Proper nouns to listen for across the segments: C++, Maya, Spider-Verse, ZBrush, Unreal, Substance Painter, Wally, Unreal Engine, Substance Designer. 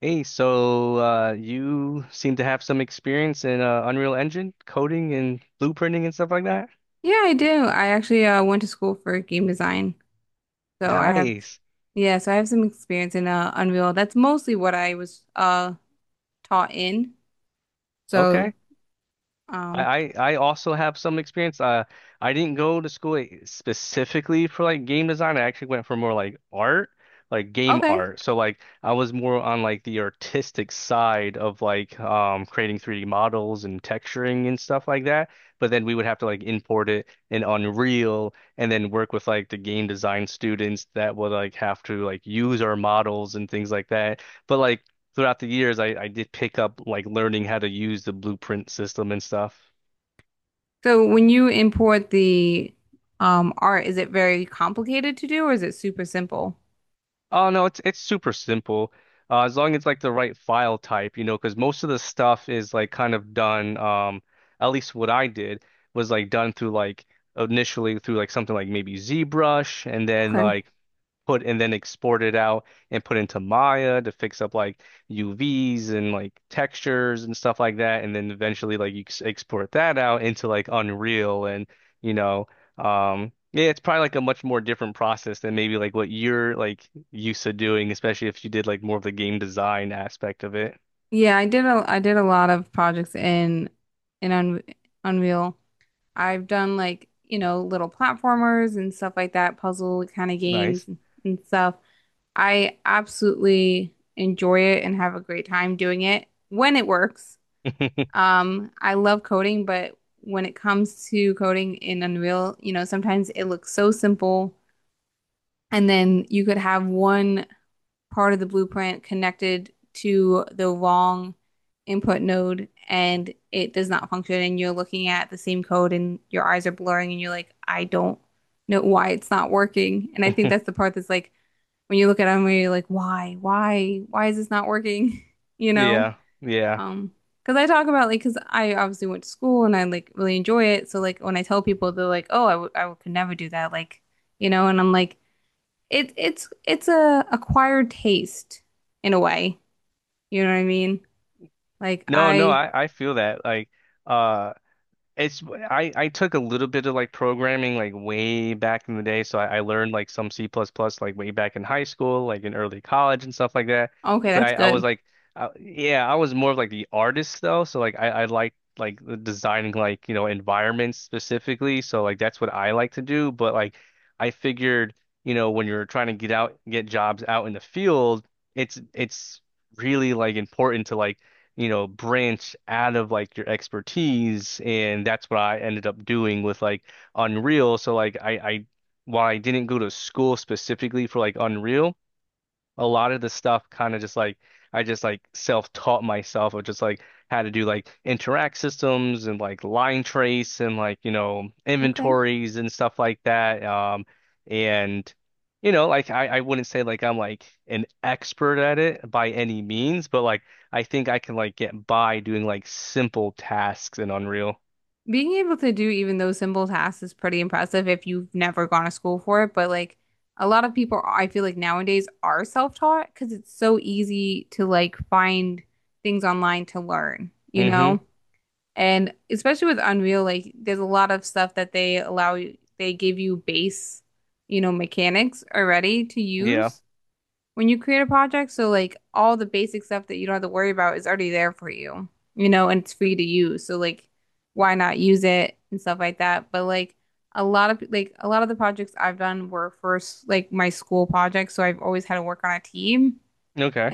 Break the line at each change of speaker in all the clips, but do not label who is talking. Hey, you seem to have some experience in Unreal Engine coding and blueprinting and stuff like that?
Yeah, I do. I actually went to school for game design. So I have,
Nice.
yeah, so I have some experience in Unreal. That's mostly what I was taught in. So,
Okay.
um,
I also have some experience. I didn't go to school like, specifically for like game design. I actually went for more like art, like game
okay.
art. So like I was more on like the artistic side of like creating 3D models and texturing and stuff like that. But then we would have to like import it in Unreal and then work with like the game design students that would like have to like use our models and things like that. But like throughout the years, I did pick up like learning how to use the blueprint system and stuff.
So when you import the art, is it very complicated to do or is it super simple?
Oh no, it's super simple. As long as like the right file type, you know, because most of the stuff is like kind of done. At least what I did was like done through like initially through like something like maybe ZBrush, and then
Okay.
like put and then export it out and put into Maya to fix up like UVs and like textures and stuff like that. And then eventually like you export that out into like Unreal and you know, yeah, it's probably like a much more different process than maybe like what you're like used to doing, especially if you did like more of the game design aspect of it.
Yeah, I did a lot of projects in Un Unreal. I've done like, you know, little platformers and stuff like that, puzzle kind of games
Nice.
and stuff. I absolutely enjoy it and have a great time doing it when it works. I love coding, but when it comes to coding in Unreal, you know, sometimes it looks so simple, and then you could have one part of the blueprint connected to the wrong input node and it does not function, and you're looking at the same code and your eyes are blurring, and you're like, I don't know why it's not working. And I think that's the part that's like, when you look at them, you're like, why is this not working? You know?
Yeah, yeah.
Um, because I talk about like, Because I obviously went to school and I like really enjoy it. So like when I tell people, they're like, oh, I could never do that. Like, you know? And I'm like, it's a acquired taste in a way. You know what I mean? Like
No, no,
I,
I feel that like uh it's I took a little bit of like programming like way back in the day, so I learned like some C++ plus plus like way back in high school, like in early college and stuff like that.
okay,
But
that's
I was
good.
like, I, yeah, I was more of like the artist though, so like I like the designing like you know environments specifically, so like that's what I like to do. But like I figured you know when you're trying to get jobs out in the field, it's really like important to like you know, branch out of like your expertise. And that's what I ended up doing with like Unreal. So like I while I didn't go to school specifically for like Unreal, a lot of the stuff kind of just like I just like self-taught myself of just like how to do like interact systems and like line trace and like you know
Okay.
inventories and stuff like that. Um, and you know like I wouldn't say like I'm like an expert at it by any means, but like I think I can like get by doing like simple tasks in Unreal.
Being able to do even those simple tasks is pretty impressive if you've never gone to school for it. But like a lot of people, I feel like nowadays are self-taught because it's so easy to like find things online to learn, you
Hmm.
know? And especially with Unreal, like there's a lot of stuff that they give you base, you know, mechanics already to
Yeah.
use when you create a project, so like all the basic stuff that you don't have to worry about is already there for you, you know, and it's free to use. So like why not use it and stuff like that. But like a lot of the projects I've done were first like my school projects, so I've always had to work on a team.
Okay,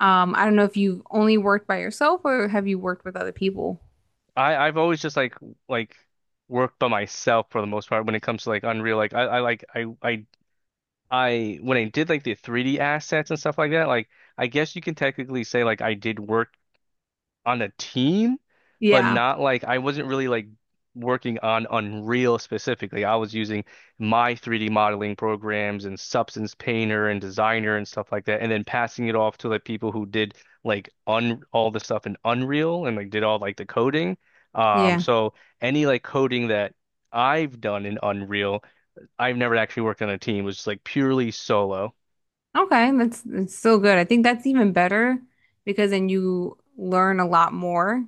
I don't know if you've only worked by yourself or have you worked with other people?
I've always just like worked by myself for the most part when it comes to like Unreal. Like I I when I did like the 3D assets and stuff like that, like I guess you can technically say like I did work on a team, but
Yeah.
not like I wasn't really like working on Unreal specifically. I was using my 3D modeling programs and Substance Painter and Designer and stuff like that, and then passing it off to like people who did like un all the stuff in Unreal and like did all like the coding.
Yeah.
So any like coding that I've done in Unreal, I've never actually worked on a team. It was just like purely solo.
Okay, that's still good. I think that's even better because then you learn a lot more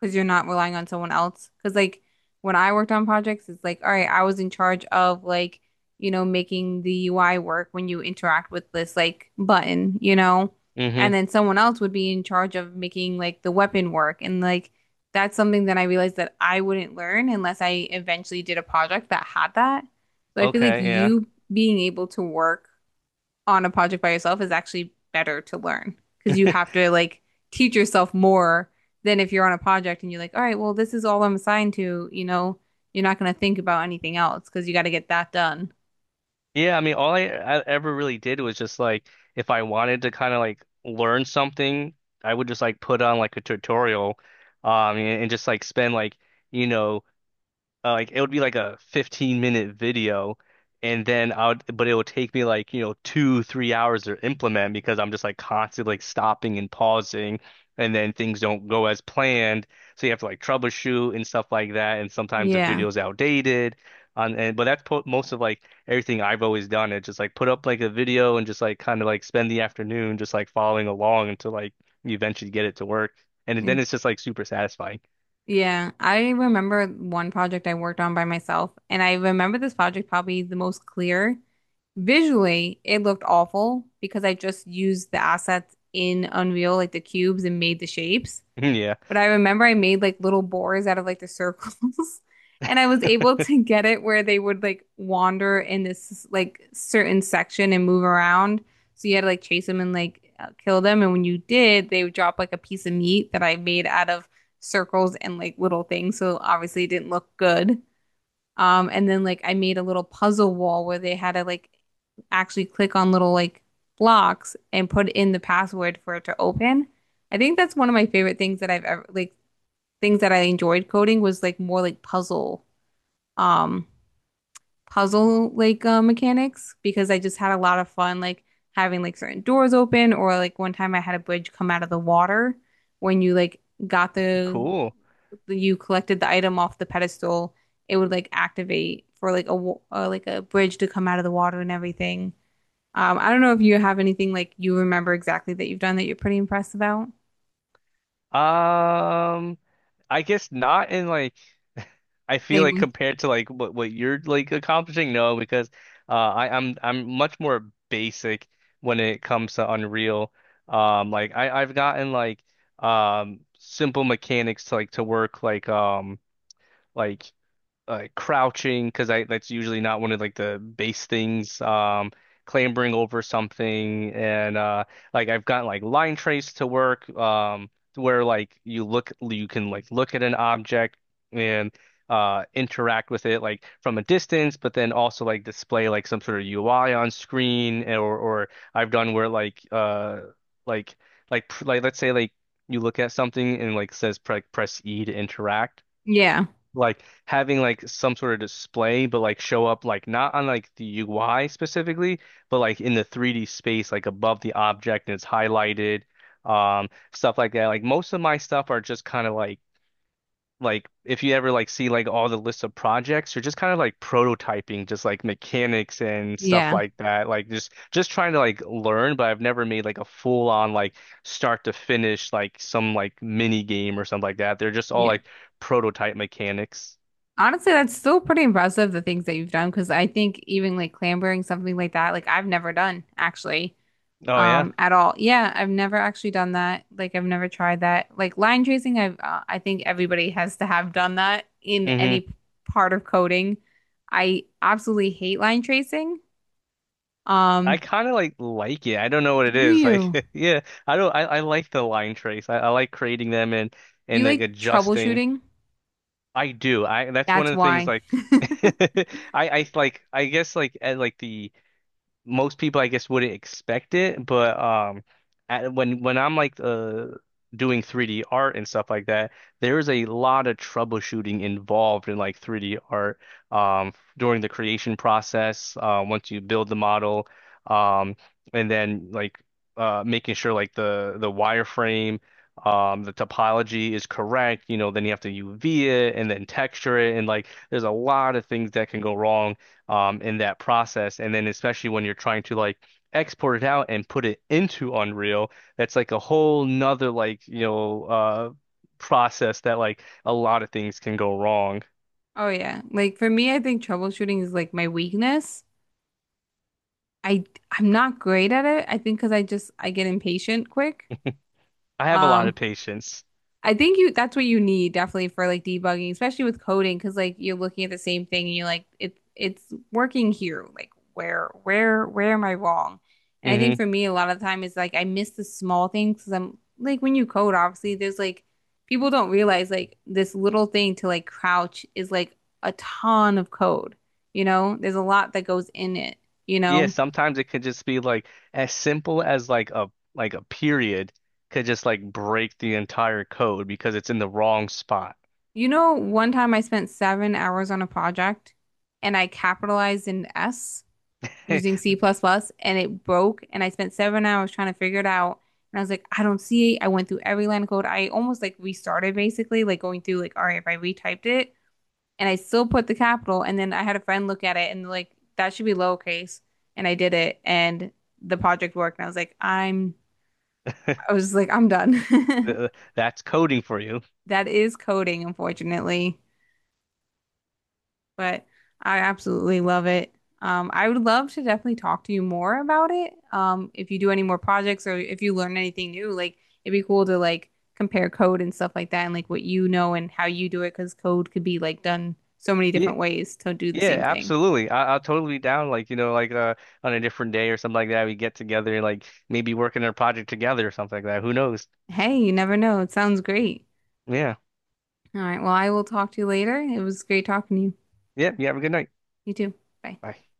because you're not relying on someone else. Because like when I worked on projects, it's like, all right, I was in charge of like, you know, making the UI work when you interact with this like button, you know, and
Hmm.
then someone else would be in charge of making like the weapon work. And like that's something that I realized that I wouldn't learn unless I eventually did a project that had that. So I feel like
Okay, yeah.
you being able to work on a project by yourself is actually better to learn because you have to like teach yourself more than if you're on a project and you're like, all right, well, this is all I'm assigned to, you know, you're not going to think about anything else because you got to get that done.
Yeah, I mean, all I ever really did was just like if I wanted to kind of like learn something, I would just like put on like a tutorial, and just like spend like you know like it would be like a 15-minute minute video, and then I would but it would take me like you know 2 3 hours to implement because I'm just like constantly like stopping and pausing, and then things don't go as planned, so you have to like troubleshoot and stuff like that, and sometimes the
Yeah.
video's outdated on and but that's po most of like everything I've always done. It just like put up like a video and just like kind of like spend the afternoon just like following along until like you eventually get it to work, and then
And-
it's just like super satisfying.
yeah, I remember one project I worked on by myself, and I remember this project probably the most clear. Visually, it looked awful because I just used the assets in Unreal, like the cubes, and made the shapes.
Yeah.
But I remember I made like little boars out of like the circles, and I was able to get it where they would like wander in this like certain section and move around. So you had to like chase them and like kill them. And when you did, they would drop like a piece of meat that I made out of circles and like little things. So obviously it didn't look good. And then like I made a little puzzle wall where they had to like actually click on little like blocks and put in the password for it to open. I think that's one of my favorite things that I've ever like things that I enjoyed coding was like more like um, puzzle like mechanics because I just had a lot of fun like having like certain doors open or like one time I had a bridge come out of the water when you like got the
Cool.
you collected the item off the pedestal, it would like activate for like like a bridge to come out of the water and everything. I don't know if you have anything like you remember exactly that you've done that you're pretty impressed about.
Um, I guess not in like I feel like
Same.
compared to like what you're like accomplishing, no, because I'm I'm much more basic when it comes to Unreal. Like I've gotten like simple mechanics to to work like like crouching because I that's usually not one of like the base things. Clambering over something, and like I've gotten like line trace to work to where like you look you can like look at an object and interact with it like from a distance, but then also like display like some sort of UI on screen. Or I've done where like like like let's say like you look at something and like says press E to interact,
Yeah.
like having like some sort of display, but like show up like not on like the UI specifically, but like in the 3D space, like above the object and it's highlighted, um, stuff like that. Like most of my stuff are just kind of like if you ever like see like all the lists of projects, you're just kind of like prototyping, just like mechanics and stuff
Yeah.
like that. Like just trying to like learn, but I've never made like a full on like start to finish like some like mini game or something like that. They're just all
Yeah.
like prototype mechanics.
Honestly, that's still pretty impressive the things that you've done because I think even like clambering something like that, like I've never done actually,
Oh yeah.
at all. Yeah, I've never actually done that. Like I've never tried that. Like line tracing, I've I think everybody has to have done that in
Hmm.
any part of coding. I absolutely hate line tracing.
I
Um,
kind of like it. I don't know what it
do
is. Like
you?
yeah, I don't I like the line trace. I like creating them and
Do you
like
like
adjusting.
troubleshooting?
I do. I that's one
That's
of the things
why.
like I I like I guess like like the most people I guess wouldn't expect it, but when I'm like doing 3D art and stuff like that, there is a lot of troubleshooting involved in like 3D art during the creation process, once you build the model, um and then like making sure like the wireframe. The topology is correct, you know, then you have to UV it and then texture it, and like there's a lot of things that can go wrong in that process. And then especially when you're trying to like export it out and put it into Unreal, that's like a whole nother like, you know, process that like a lot of things can go wrong.
Oh yeah. Like for me, I think troubleshooting is like my weakness. I I'm not great at it. I think because I get impatient quick.
I have a lot
Um,
of patience.
I think you that's what you need definitely for like debugging, especially with coding, because like you're looking at the same thing and you're like it's working here. Like where am I wrong? And I think
Hmm.
for me a lot of the time is like I miss the small things because I'm like when you code, obviously there's like people don't realize like this little thing to like crouch is like a ton of code. You know, there's a lot that goes in it. You
Yeah,
know.
sometimes it could just be like as simple as like a period could just like break the entire code because it's in the wrong spot.
You know, one time I spent 7 hours on a project and I capitalized in S using C++ plus plus and it broke and I spent 7 hours trying to figure it out. And I was like, I don't see it. I went through every line of code. I almost like restarted basically, like going through like, all right, if I retyped it and I still put the capital and then I had a friend look at it and like, that should be lowercase. And I did it and the project worked. And I was like, I'm, I was like, I'm done.
That's coding for you.
That is coding, unfortunately. But I absolutely love it. I would love to definitely talk to you more about it. If you do any more projects or if you learn anything new, like it'd be cool to like compare code and stuff like that and like what you know and how you do it because code could be like done so many different ways to do the
Yeah,
same thing.
absolutely. I'll totally be down. Like you know, like on a different day or something like that, we get together and like maybe work on a project together or something like that. Who knows?
Hey, you never know. It sounds great.
Yeah,
All right. Well, I will talk to you later. It was great talking to you.
yeah. You have a good night.
You too. Bye.
Bye.